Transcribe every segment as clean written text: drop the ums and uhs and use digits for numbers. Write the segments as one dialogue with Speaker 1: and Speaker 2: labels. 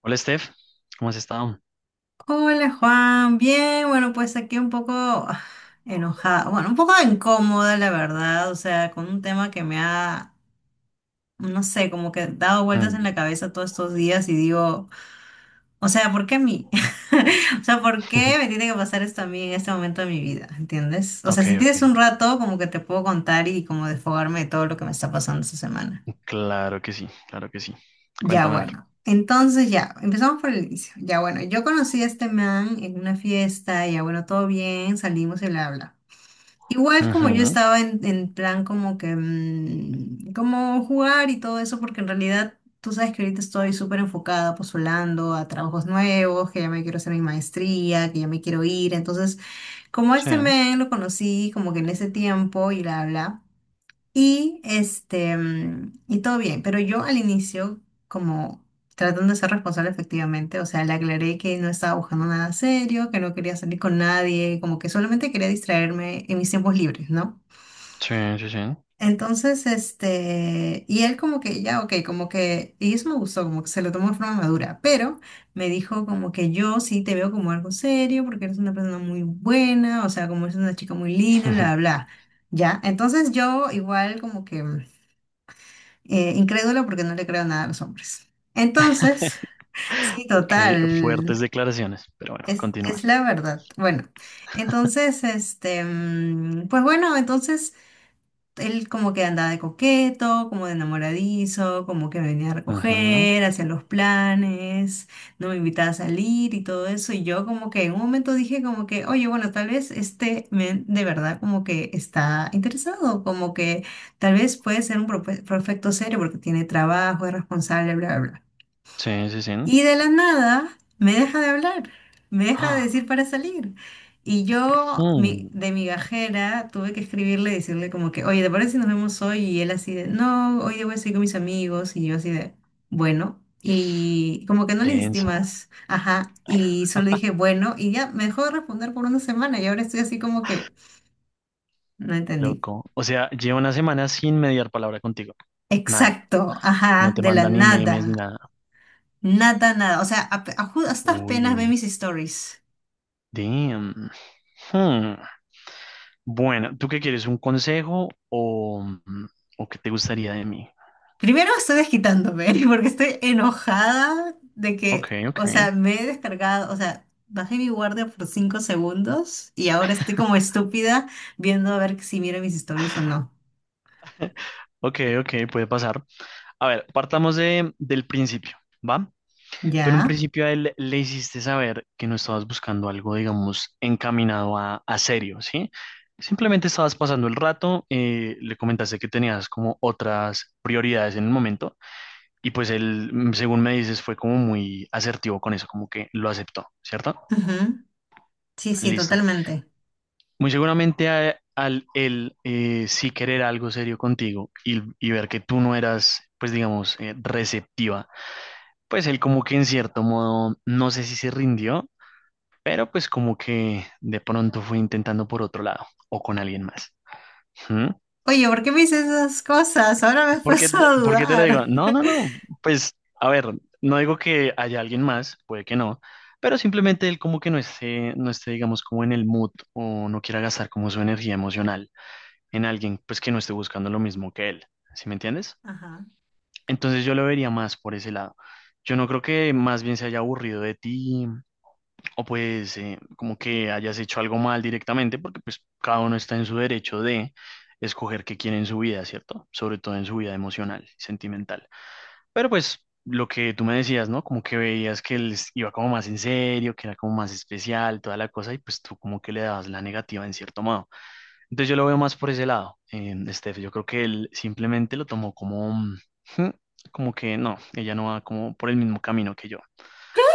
Speaker 1: Hola, Steph. ¿Cómo has estado?
Speaker 2: Hola Juan, bien, bueno, pues aquí un poco enojada, bueno, un poco incómoda la verdad, o sea, con un tema que me ha, no sé, como que dado vueltas en
Speaker 1: Mm.
Speaker 2: la cabeza todos estos días y digo, o sea, ¿por qué a mí? O sea, ¿por qué me tiene que pasar esto a mí en este momento de mi vida? ¿Entiendes? O sea,
Speaker 1: Ok,
Speaker 2: si tienes
Speaker 1: ok.
Speaker 2: un rato, como que te puedo contar y como desfogarme de todo lo que me está pasando esta semana.
Speaker 1: Claro que sí, claro que sí.
Speaker 2: Ya
Speaker 1: Cuéntame a ver.
Speaker 2: bueno, entonces ya, empezamos por el inicio. Ya bueno, yo conocí a este man en una fiesta, ya bueno, todo bien, salimos y bla, bla. Igual como yo
Speaker 1: Ujú.
Speaker 2: estaba en plan como que, como jugar y todo eso, porque en realidad tú sabes que ahorita estoy súper enfocada, postulando a trabajos nuevos, que ya me quiero hacer mi maestría, que ya me quiero ir. Entonces, como a
Speaker 1: Sí,
Speaker 2: este man lo conocí como que en ese tiempo y bla, bla. Y este, y todo bien, pero yo al inicio, como tratando de ser responsable efectivamente, o sea, le aclaré que no estaba buscando nada serio, que no quería salir con nadie, como que solamente quería distraerme en mis tiempos libres, ¿no?
Speaker 1: sí, sí, sí.
Speaker 2: Entonces, este, y él como que ya, ok, como que, y eso me gustó, como que se lo tomó de forma madura, pero me dijo como que yo sí te veo como algo serio, porque eres una persona muy buena, o sea, como eres una chica muy linda,
Speaker 1: Ujú.
Speaker 2: bla, bla, bla. Ya, entonces yo igual como que... incrédula porque no le creo nada a los hombres. Entonces, sí,
Speaker 1: Ok, fuertes
Speaker 2: total,
Speaker 1: declaraciones, pero bueno, continúa.
Speaker 2: es la verdad. Bueno, entonces, este, pues bueno, entonces él como que andaba de coqueto, como de enamoradizo, como que me venía a
Speaker 1: Ujú.
Speaker 2: recoger, hacía los planes, no me invitaba a salir y todo eso. Y yo como que en un momento dije como que, oye, bueno, tal vez este men de verdad como que está interesado, como que tal vez puede ser un perfecto serio porque tiene trabajo, es responsable, bla, bla, bla.
Speaker 1: Sí, sí, sí.
Speaker 2: Y de la nada me deja de hablar, me deja de
Speaker 1: Ah,
Speaker 2: decir para salir. Y yo
Speaker 1: mm,
Speaker 2: de migajera tuve que escribirle y decirle como que, oye, ¿te parece si nos vemos hoy? Y él así de, no, hoy día voy a salir con mis amigos. Y yo así de, bueno. Y como que no le insistí
Speaker 1: denso,
Speaker 2: más, ajá. Y solo dije, bueno, y ya me dejó de responder por una semana y ahora estoy así como que, no
Speaker 1: qué
Speaker 2: entendí.
Speaker 1: loco. O sea, llevo una semana sin mediar palabra contigo. Nada,
Speaker 2: Exacto,
Speaker 1: no
Speaker 2: ajá,
Speaker 1: te
Speaker 2: de la
Speaker 1: manda ni memes ni
Speaker 2: nada,
Speaker 1: nada.
Speaker 2: nada, nada. O sea, hasta apenas ve
Speaker 1: Uy,
Speaker 2: mis stories.
Speaker 1: damn. Hmm. Bueno, ¿tú qué quieres? ¿Un consejo o, o qué te gustaría de mí?
Speaker 2: Primero estoy desquitándome porque estoy enojada de
Speaker 1: Ok,
Speaker 2: que, o
Speaker 1: ok.
Speaker 2: sea, me he descargado, o sea, bajé mi guardia por 5 segundos y ahora estoy como estúpida viendo a ver si miro mis stories o no.
Speaker 1: Ok, ok, puede pasar. A ver, partamos del principio, ¿va? Tú en un
Speaker 2: ¿Ya?
Speaker 1: principio a él le hiciste saber que no estabas buscando algo, digamos, encaminado a serio, ¿sí? Simplemente estabas pasando el rato, le comentaste que tenías como otras prioridades en el momento, y pues él, según me dices, fue como muy asertivo con eso, como que lo aceptó, ¿cierto?
Speaker 2: Ujú. Sí, sí,
Speaker 1: Listo.
Speaker 2: totalmente.
Speaker 1: Muy seguramente al él sí querer algo serio contigo, y ver que tú no eras, pues digamos, receptiva, pues él como que en cierto modo, no sé si se rindió, pero pues como que de pronto fue intentando por otro lado o con alguien más. ¿Mm?
Speaker 2: Oye, ¿por qué me dices esas cosas? Ahora me he
Speaker 1: ¿Por qué,
Speaker 2: puesto a
Speaker 1: por qué te lo
Speaker 2: dudar.
Speaker 1: digo? No, no, no, pues a ver, no digo que haya alguien más, puede que no. Pero simplemente él como que no esté, digamos, como en el mood o no quiera gastar como su energía emocional en alguien pues que no esté buscando lo mismo que él, ¿sí me entiendes?
Speaker 2: Ajá.
Speaker 1: Entonces yo lo vería más por ese lado. Yo no creo que más bien se haya aburrido de ti, o pues como que hayas hecho algo mal directamente, porque pues cada uno está en su derecho de escoger qué quiere en su vida, ¿cierto? Sobre todo en su vida emocional, sentimental. Pero pues lo que tú me decías, ¿no? Como que veías que él iba como más en serio, que era como más especial, toda la cosa, y pues tú como que le dabas la negativa en cierto modo. Entonces yo lo veo más por ese lado, Steph. Yo creo que él simplemente lo tomó como, "Ujú", como que no, ella no va como por el mismo camino que yo.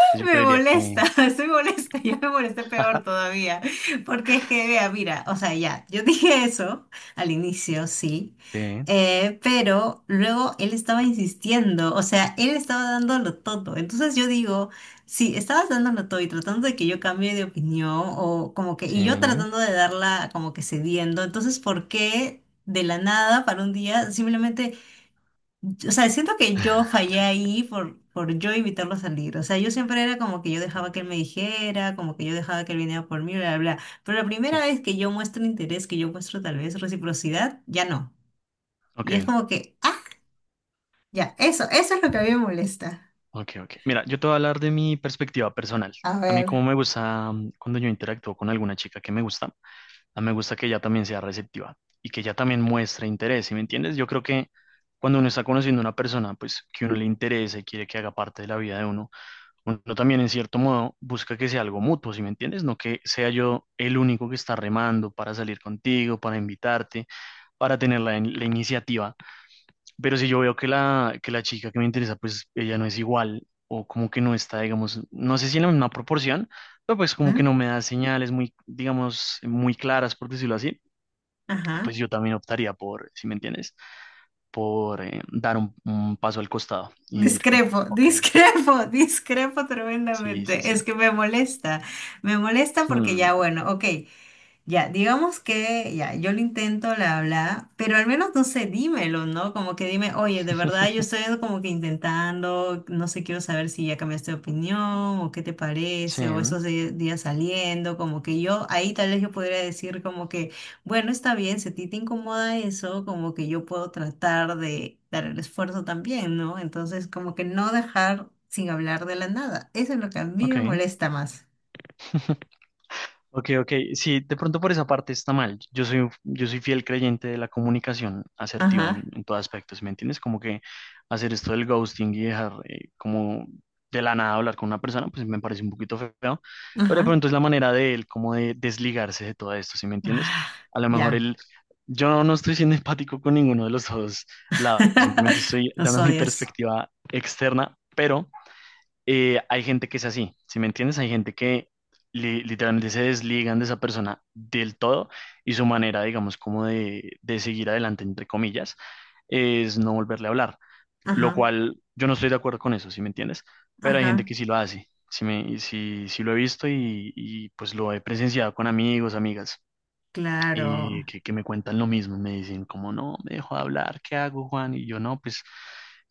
Speaker 1: Entonces yo
Speaker 2: Me
Speaker 1: creería que...
Speaker 2: molesta, estoy molesta, yo me molesté peor todavía, porque es que, vea, mira, o sea, ya, yo dije eso al inicio, sí,
Speaker 1: Sí,
Speaker 2: pero luego él estaba insistiendo, o sea, él estaba dándolo todo, entonces yo digo, si estabas dándolo todo y tratando de que yo cambie de opinión, o como que, y yo
Speaker 1: sí.
Speaker 2: tratando de darla como que cediendo, entonces, ¿por qué de la nada para un día simplemente... O sea, siento que yo fallé ahí por yo invitarlo a salir. O sea, yo siempre era como que yo dejaba que
Speaker 1: Mm.
Speaker 2: él me dijera, como que yo dejaba que él viniera por mí, bla, bla, bla. Pero la primera
Speaker 1: Sí.
Speaker 2: vez que yo muestro interés, que yo muestro tal vez reciprocidad, ya no.
Speaker 1: Ok.
Speaker 2: Y es como que, ah, ya, eso es lo que a mí me molesta.
Speaker 1: Ok, ok. Mira, yo te voy a hablar de mi perspectiva personal.
Speaker 2: A
Speaker 1: A mí
Speaker 2: ver,
Speaker 1: como me gusta, cuando yo interactúo con alguna chica que me gusta, a mí me gusta que ella también sea receptiva y que ella también muestre interés, ¿sí me entiendes? Yo creo que cuando uno está conociendo a una persona, pues que uno le interesa y quiere que haga parte de la vida de uno, uno también en cierto modo busca que sea algo mutuo, ¿sí me entiendes? No que sea yo el único que está remando para salir contigo, para invitarte, para tener la iniciativa, pero si yo veo que la chica que me interesa, pues ella no es igual, o como que no está, digamos, no sé si en la misma proporción, pero pues como
Speaker 2: ¿mm?
Speaker 1: que no me da señales muy, digamos, muy claras, por decirlo así, pues
Speaker 2: Ajá.
Speaker 1: yo también optaría por, ¿si me entiendes? Por dar un paso al costado y decir como,
Speaker 2: Discrepo,
Speaker 1: ok.
Speaker 2: discrepo, discrepo
Speaker 1: Sí, sí,
Speaker 2: tremendamente.
Speaker 1: sí.
Speaker 2: Es que me molesta. Me molesta porque
Speaker 1: Hmm.
Speaker 2: ya, bueno, ok. Ya, digamos que ya, yo lo intento, la habla, pero al menos no sé, dímelo, ¿no? Como que dime, oye, de verdad yo estoy como que intentando, no sé, quiero saber si ya cambiaste de opinión o qué te
Speaker 1: Sí,
Speaker 2: parece, o esos días saliendo, como que yo ahí tal vez yo podría decir como que, bueno, está bien, si a ti te incomoda eso, como que yo puedo tratar de dar el esfuerzo también, ¿no? Entonces, como que no dejar sin hablar de la nada, eso es lo que a mí me
Speaker 1: ok.
Speaker 2: molesta más.
Speaker 1: Ok, ok. Sí, de pronto por esa parte está mal. Yo soy, yo soy fiel creyente de la comunicación asertiva en,
Speaker 2: Ajá,
Speaker 1: en todo aspecto, ¿sí me entiendes? Como que hacer esto del ghosting y dejar, como de la nada, hablar con una persona, pues me parece un poquito feo, pero de
Speaker 2: ajá.
Speaker 1: pronto es la manera de él como de desligarse de todo esto, ¿sí me entiendes?
Speaker 2: Ah,
Speaker 1: A lo mejor
Speaker 2: ya.
Speaker 1: él, yo no estoy siendo empático con ninguno de los dos lados, simplemente estoy
Speaker 2: Los
Speaker 1: dando mi
Speaker 2: odias.
Speaker 1: perspectiva externa. Pero hay gente que es así, ¿si me entiendes? Hay gente que literalmente se desligan de esa persona del todo, y su manera, digamos, como de seguir adelante, entre comillas, es no volverle a hablar, lo
Speaker 2: Ajá,
Speaker 1: cual yo no estoy de acuerdo con eso, ¿si me entiendes? Pero hay gente
Speaker 2: ajá,
Speaker 1: que sí lo hace. Sí, sí, sí lo he visto, pues lo he presenciado con amigos, amigas,
Speaker 2: claro.
Speaker 1: que me cuentan lo mismo, me dicen como, no, me dejo de hablar, ¿qué hago, Juan? Y yo, no, pues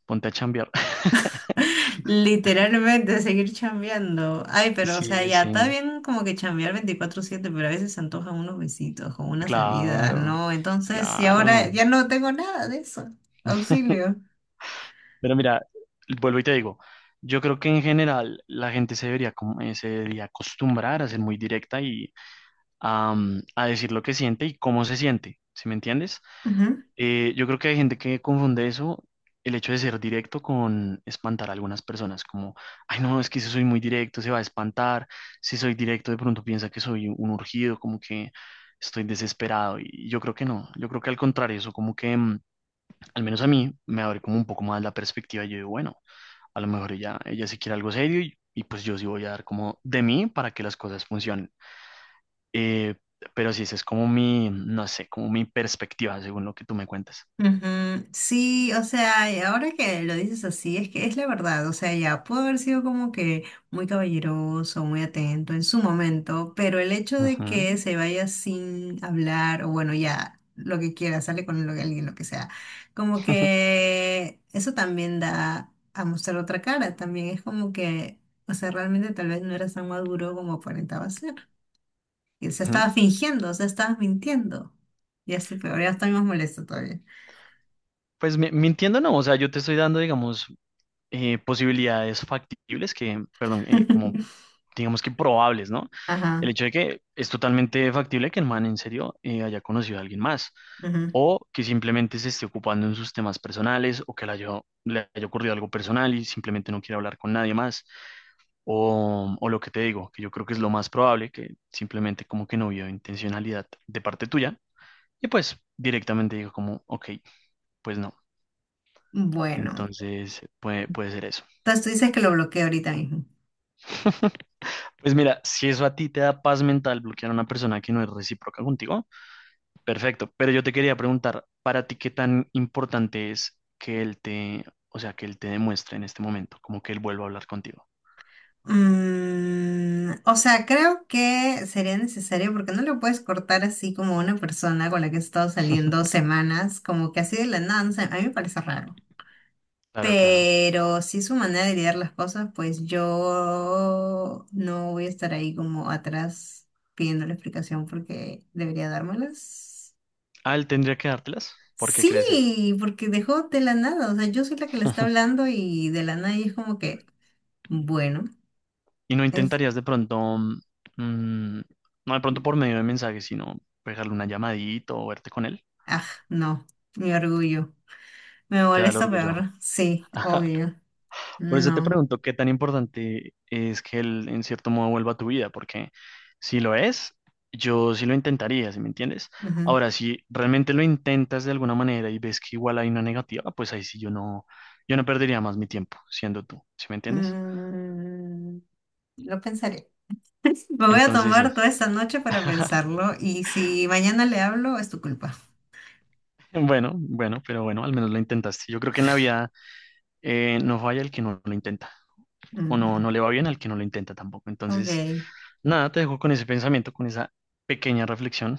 Speaker 1: ponte a chambear.
Speaker 2: Literalmente seguir chambeando. Ay, pero o
Speaker 1: Sí,
Speaker 2: sea, ya
Speaker 1: sí,
Speaker 2: está bien como que chambear 24/7, pero a veces se antojan unos besitos o una salida,
Speaker 1: claro.
Speaker 2: ¿no? Entonces, y ahora
Speaker 1: Claro.
Speaker 2: ya no tengo nada de eso. Auxilio.
Speaker 1: Pero mira, vuelvo y te digo, yo creo que en general la gente se debería, se debería acostumbrar a ser muy directa, y a decir lo que siente y cómo se siente, ¿sí me entiendes? Yo creo que hay gente que confunde eso, el hecho de ser directo, con espantar a algunas personas, como, ay no, es que si soy muy directo se va a espantar, si soy directo de pronto piensa que soy un urgido, como que estoy desesperado. Y yo creo que no, yo creo que al contrario, eso como que al menos a mí, me abre como un poco más la perspectiva. Yo digo, bueno, a lo mejor ella, ella sí quiere algo serio, y pues yo sí voy a dar como de mí para que las cosas funcionen. Eh, pero sí, esa es como mi, no sé, como mi perspectiva según lo que tú me cuentas.
Speaker 2: Ujú, sí, o sea, y ahora que lo dices así, es que es la verdad, o sea, ya pudo haber sido como que muy caballeroso, muy atento en su momento, pero el hecho de
Speaker 1: Ujú.
Speaker 2: que se vaya sin hablar, o bueno, ya lo que quiera, sale con lo que alguien, lo que sea, como que eso también da a mostrar otra cara, también es como que, o sea, realmente tal vez no eras tan maduro como aparentaba ser, y se estaba fingiendo, o sea, estabas mintiendo, ya estoy peor, ya estoy más molesta todavía.
Speaker 1: Pues mintiendo no, o sea, yo te estoy dando, digamos, posibilidades factibles, que, perdón, como digamos que probables, ¿no? El
Speaker 2: Ajá,
Speaker 1: hecho de que es totalmente factible que el man en serio haya conocido a alguien más,
Speaker 2: ajá.
Speaker 1: o que simplemente se esté ocupando en sus temas personales, o que le haya ocurrido algo personal y simplemente no quiera hablar con nadie más, o lo que te digo, que yo creo que es lo más probable, que simplemente como que no vio intencionalidad de parte tuya, y pues directamente digo como, ok, pues no.
Speaker 2: Bueno,
Speaker 1: Entonces, puede ser eso.
Speaker 2: entonces tú dices que lo bloqueo ahorita mismo.
Speaker 1: Pues mira, si eso a ti te da paz mental bloquear a una persona que no es recíproca contigo, perfecto. Pero yo te quería preguntar, ¿para ti qué tan importante es que él te, o sea, que él te demuestre en este momento, como que él vuelva a hablar contigo?
Speaker 2: Mm, o sea, creo que sería necesario porque no lo puedes cortar así como una persona con la que he estado saliendo semanas, como que así de la nada, no sé, a mí me parece raro.
Speaker 1: Claro, claro.
Speaker 2: Pero si es su manera de lidiar las cosas, pues yo no voy a estar ahí como atrás pidiendo la explicación porque debería dármelas.
Speaker 1: Ah, él tendría que dártelas. ¿Por qué crees eso?
Speaker 2: Sí, porque dejó de la nada, o sea, yo soy la que le está hablando y de la nada y es como que, bueno,
Speaker 1: Y no
Speaker 2: es,
Speaker 1: intentarías de pronto, mm, no de pronto por medio de mensajes, sino pegarle una llamadita o verte con él.
Speaker 2: ah, no, mi orgullo. Me
Speaker 1: Te da el
Speaker 2: molesta
Speaker 1: orgullo.
Speaker 2: peor, sí, obvio,
Speaker 1: Por eso
Speaker 2: no.
Speaker 1: te pregunto qué tan importante es que él en cierto modo vuelva a tu vida, porque si lo es, yo sí lo intentaría, ¿sí me entiendes?
Speaker 2: Ujú.
Speaker 1: Ahora, si realmente lo intentas de alguna manera y ves que igual hay una negativa, pues ahí sí yo no, perdería más mi tiempo siendo tú, ¿sí me entiendes?
Speaker 2: Mm, lo pensaré. Me voy a
Speaker 1: Entonces sí.
Speaker 2: tomar toda esta noche para pensarlo y si mañana le hablo, es tu culpa.
Speaker 1: Bueno, bueno, pero bueno, al menos lo intentaste. Yo creo que en la vida no falla el que no lo intenta, o
Speaker 2: Mm,
Speaker 1: no le va bien al que no lo intenta tampoco.
Speaker 2: ok,
Speaker 1: Entonces, nada, te dejo con ese pensamiento, con esa pequeña reflexión.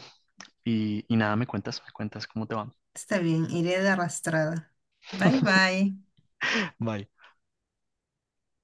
Speaker 1: Y nada, me cuentas cómo te va.
Speaker 2: está bien, iré de arrastrada. Bye bye.
Speaker 1: Bye.